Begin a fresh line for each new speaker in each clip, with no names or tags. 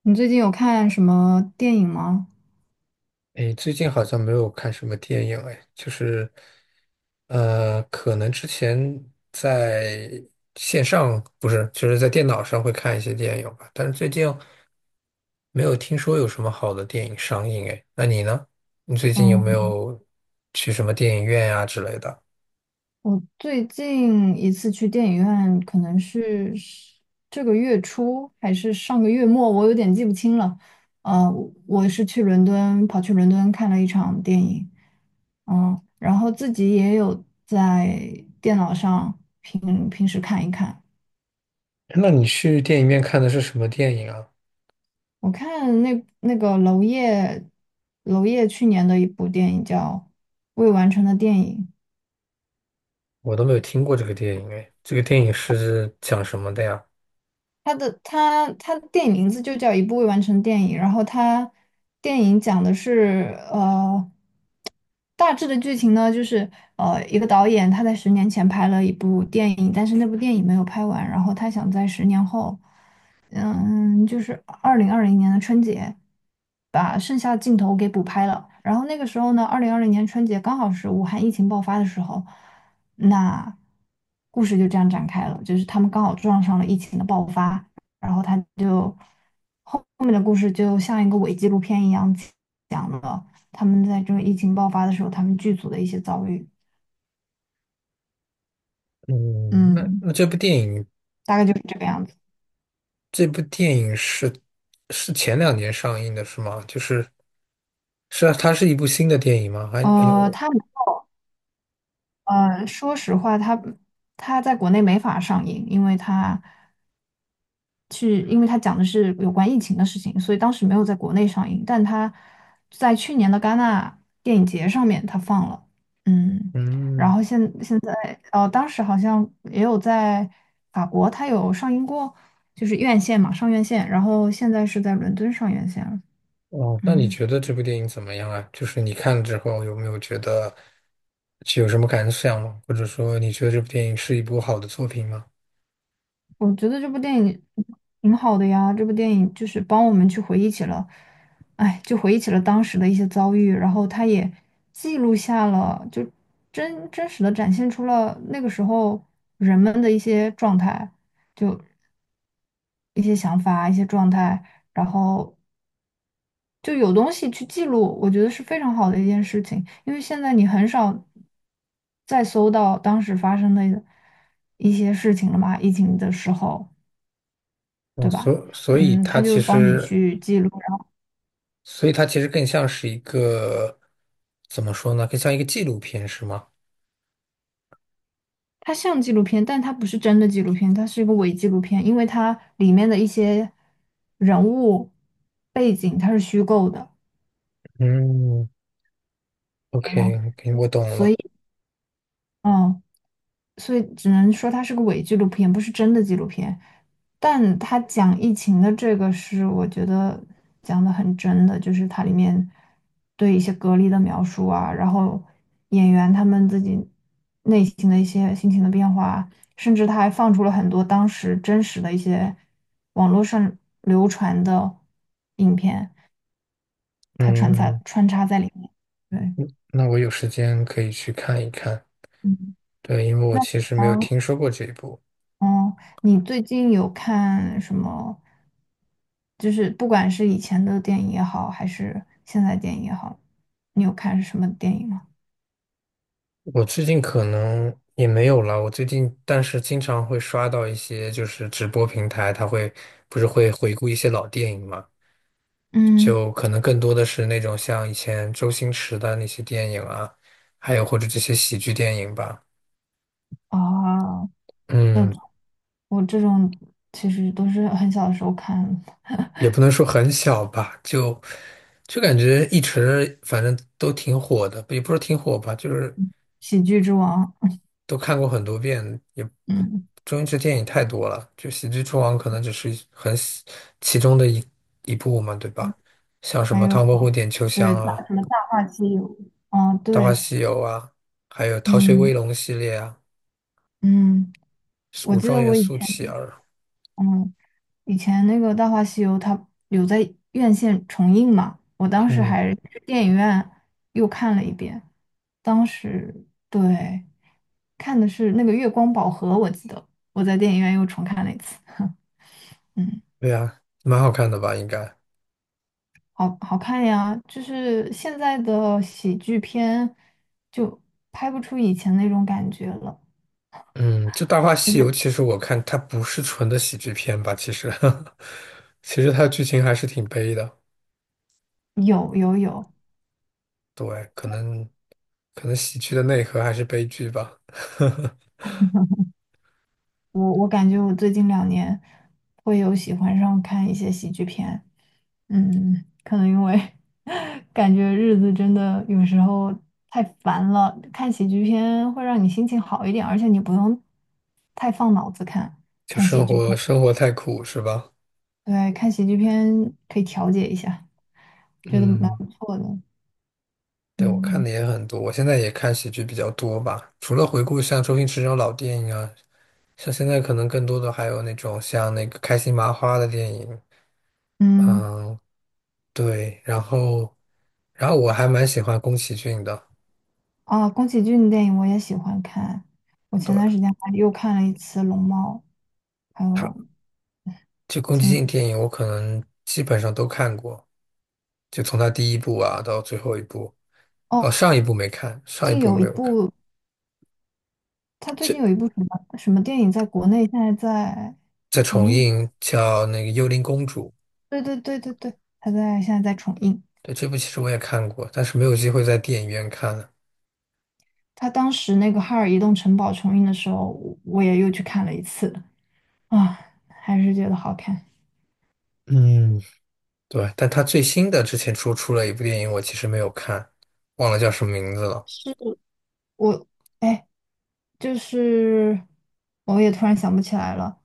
你最近有看什么电影吗？
诶，最近好像没有看什么电影，诶，就是，可能之前在线上，不是，就是在电脑上会看一些电影吧，但是最近没有听说有什么好的电影上映，诶，那你呢？你最近有没
嗯，
有去什么电影院呀、之类的？
我最近一次去电影院可能是这个月初还是上个月末，我有点记不清了。呃，我是去伦敦，跑去伦敦看了一场电影。然后自己也有在电脑上平时看一看。
那你去电影院看的是什么电影啊？
我看那个娄烨，娄烨去年的一部电影叫《未完成的电影》。
我都没有听过这个电影，诶，这个电影是讲什么的呀？
他的电影名字就叫《一部未完成电影》。然后电影讲的是，大致的剧情呢就是，一个导演他在10年前拍了一部电影，但是那部电影没有拍完，然后他想在10年后，就是二零二零年的春节，把剩下的镜头给补拍了。然后那个时候呢，二零二零年春节刚好是武汉疫情爆发的时候。那故事就这样展开了，就是他们刚好撞上了疫情的爆发，然后他就后面的故事就像一个伪纪录片一样，讲了他们在这个疫情爆发的时候，他们剧组的一些遭遇。
嗯，那
嗯，
那这部电影
大概就是这个样子。
这部电影是前两年上映的，是吗？就是是啊，它是一部新的电影吗？还
呃，
有，
他说实话，他在国内没法上映，因为因为它讲的是有关疫情的事情，所以当时没有在国内上映，但它在去年的戛纳电影节上面它放了。嗯，然
嗯，
后现现在哦，当时好像也有在法国它有上映过，就是院线嘛，上院线，然后现在是在伦敦上院线了。
哦，那你
嗯。
觉得这部电影怎么样啊？就是你看了之后有没有觉得有什么感想吗？或者说你觉得这部电影是一部好的作品吗？
我觉得这部电影挺好的呀，这部电影就是帮我们去回忆起了，哎，就回忆起了当时的一些遭遇，然后它也记录下了，就真实的展现出了那个时候人们的一些状态，就一些想法、一些状态，然后就有东西去记录，我觉得是非常好的一件事情，因为现在你很少再搜到当时发生的一些事情了嘛，疫情的时候。
哦，
对吧？
所以
嗯，他
它
就
其
帮你
实，
去记录。然后
所以它其实更像是一个怎么说呢？更像一个纪录片，是吗？
它像纪录片，但它不是真的纪录片，它是一个伪纪录片，因为它里面的一些人物背景它是虚构的。
嗯OK，OK，我懂了。
嗯，所以只能说它是个伪纪录片，不是真的纪录片。但它讲疫情的这个是我觉得讲的很真的，就是它里面对一些隔离的描述啊，然后演员他们自己内心的一些心情的变化，甚至他还放出了很多当时真实的一些网络上流传的影片，它穿插
嗯，
穿插在里面。对。
那我有时间可以去看一看。
嗯，
对，因为我
那
其
你
实没有
呢？
听说过这一部。
哦，你最近有看什么？就是不管是以前的电影也好，还是现在电影也好，你有看是什么电影吗？
我最近可能也没有了。我最近但是经常会刷到一些就是直播平台，它会不是会回顾一些老电影嘛，
嗯。
就可能更多的是那种像以前周星驰的那些电影啊，还有或者这些喜剧电影吧。
哦，这
嗯，
种我这种其实都是很小的时候看的《<laughs>
也不能说很小吧，就感觉一直反正都挺火的，也不是挺火吧，就是。
喜剧之王》。
都看过很多遍，也
嗯，
周星驰电影太多了，就《喜剧之王》可能只是其中的一部嘛，对吧？像什
还
么
有，
《唐伯虎点秋香》
对，大
啊，
什么《大话西游》。哦，
《大话
对，
西游》啊，还有《逃学
嗯
威龙》系列啊，
嗯，我
《武
记得
状元
我以
苏乞
前
儿》。
嗯。以前那个《大话西游》它有在院线重映嘛，我当时
嗯，
还去电影院又看了一遍。当时，对，看的是那个《月光宝盒》，我记得我在电影院又重看了一次。嗯，
对啊，蛮好看的吧？应该。
好好看呀！就是现在的喜剧片就拍不出以前那种感觉了。
嗯，就《大话西游》，
嗯，
其实我看它不是纯的喜剧片吧，其实，其实它的剧情还是挺悲的。
有有有，
对，可能喜剧的内核还是悲剧吧。
我感觉我最近2年会有喜欢上看一些喜剧片。可能因为 感觉日子真的有时候太烦了，看喜剧片会让你心情好一点，而且你不用太放脑子看，
就
看喜
生
剧
活
片，
生活太苦是吧？
对，看喜剧片可以调节一下，觉得蛮
嗯，
不错的。
对，我看
嗯
的也很多，我现在也看喜剧比较多吧。除了回顾像周星驰这种老电影啊，像现在可能更多的还有那种像那个开心麻花的电影，
嗯，
嗯，对。然后，我还蛮喜欢宫崎骏的，
啊，宫崎骏的电影我也喜欢看，我前
对，
段时间还又看了一次《龙猫》。还有，
他就宫崎
前
骏电影我可能基本上都看过，就从他第一部啊到最后一部，
哦，
哦，上一
最近
部
有
没
一
有看。
部他最近
这
有一部什么什么电影在国内现在在
在
重
重
映吗？
映叫那个《幽灵公主》，
对对对对对，他现在在重映。
对，这部其实我也看过，但是没有机会在电影院看了。
他当时那个《哈尔移动城堡》重映的时候，我也又去看了一次啊，还是觉得好看。
嗯，对，但他最新的之前出了一部电影，我其实没有看，忘了叫什么名字了。
是我哎，就是我也突然想不起来了，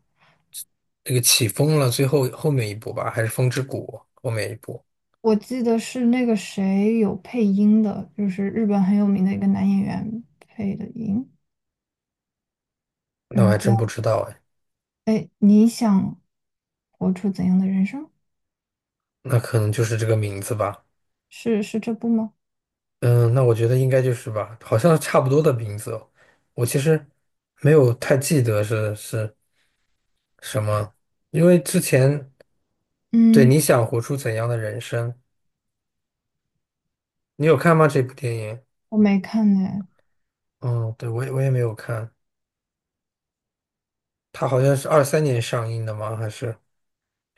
这个起风了，最后后面一部吧，还是风之谷后面一部？
我记得是那个谁有配音的，就是日本很有名的一个男演员配的音。
那我
嗯，
还真不
叫，
知道哎，
哎，你想活出怎样的人生？
那可能就是这个名字吧。
是这部吗？
嗯，那我觉得应该就是吧，好像差不多的名字哦。我其实没有太记得是什么，因为之前对
嗯，
你想活出怎样的人生，你有看吗？这部电影？
我没看呢。
嗯，对，我也没有看，它好像是23年上映的吗？还是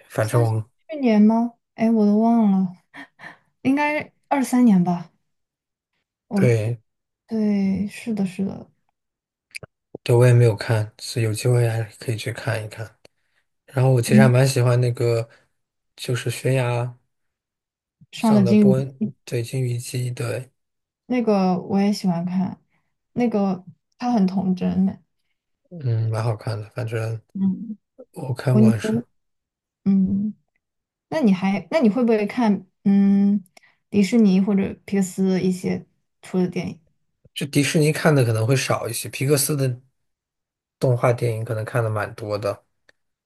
反正
它是
我
去年吗？哎，我都忘了，应该23年吧。我
对
对，是的，是的。
对，我也没有看，所以有机会还可以去看一看。然后我其实还
嗯，
蛮喜欢那个，就是悬崖
上
上
的
的
金
波恩，
鱼。
对，金鱼姬，对，
那个我也喜欢看，那个他很童真呢。
嗯，蛮好看的。反正
嗯，
我看
我
过
你
还是，
嗯，那你会不会看迪士尼或者皮克斯一些出的电影？
就迪士尼看的可能会少一些，皮克斯的动画电影可能看的蛮多的，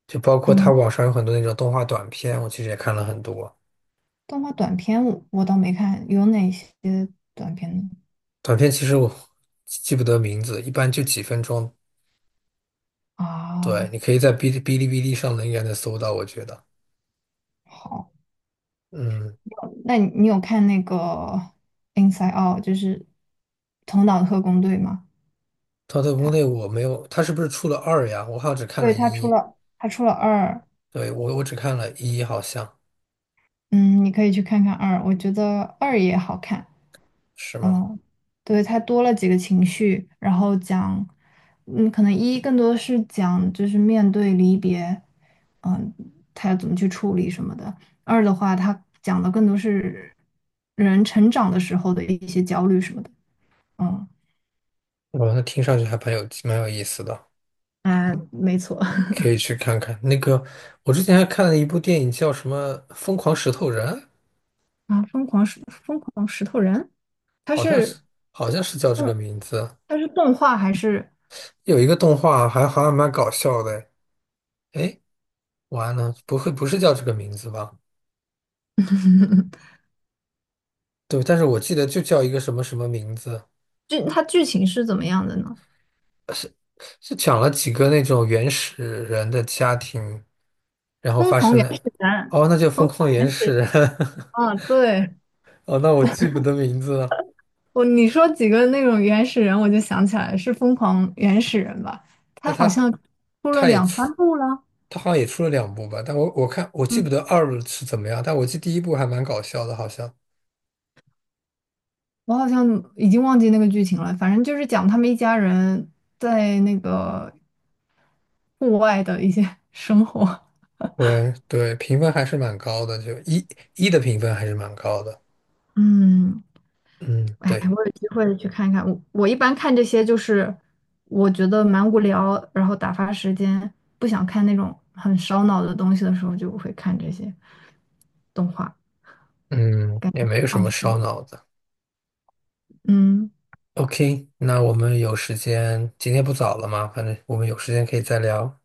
就包括它
嗯，
网上有很多那种动画短片，我其实也看了很多。
动画短片我倒没看，有哪些短片呢？
短片其实我记不得名字，一般就几分钟。对，
啊，
你可以在哔哩哔哩上能应该能搜到，我觉得。
好。
嗯，
那你有看那个《Inside Out》，就是《头脑特工队》吗？
《逃脱国内
他
我没有，它是不是出了二呀？我好像只看了
对，他出
一，
了他出了二。
对，我只看了一，好像
嗯，你可以去看看二，我觉得二也好看。
是吗？
嗯，对，它多了几个情绪，然后讲，可能一更多是讲就是面对离别，嗯，他要怎么去处理什么的。二的话，他讲的更多是人成长的时候的一些焦虑什么的。嗯，
哇，那听上去还蛮有意思的，
啊，没错。
可 以去看看。那个，我之前还看了一部电影，叫什么《疯狂石头人》，
啊，疯狂石头人。它
好像是
是
好像是叫这个
嗯，
名字。
它是动画还是
有一个动画还好像蛮搞笑的，哎，完了，不会不是叫这个名字吧？对，但是我记得就叫一个什么什么名字，
剧？它剧情是怎么样的呢？
是讲了几个那种原始人的家庭，然后
疯
发
狂
生
原
了，
始人，
哦，那就疯
疯
狂原始人，
对，
哦，那我记不得名字了。
你说几个那种原始人，我就想起来是疯狂原始人吧？
那
他
他
好像
好
出了
他也
两
出，
三部了。
他好像也出了两部吧，但我记不
嗯，
得二是怎么样，但我记得第一部还蛮搞笑的，好像。
我好像已经忘记那个剧情了，反正就是讲他们一家人在那个户外的一些生活。
对对，评分还是蛮高的，就一的评分还是蛮高的。
嗯，
嗯，
哎，
对，
我有机会去看一看。我一般看这些就是，我觉得蛮无聊，然后打发时间，不想看那种很烧脑的东西的时候，就会看这些动画，
嗯，
感觉
也没有
很
什
放
么
松。
烧脑的。
嗯，
OK,那我们有时间，今天不早了嘛，反正我们有时间可以再聊。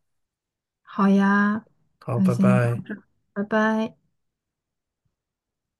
好呀，
好，
那
拜
先聊到
拜。
这儿，拜拜。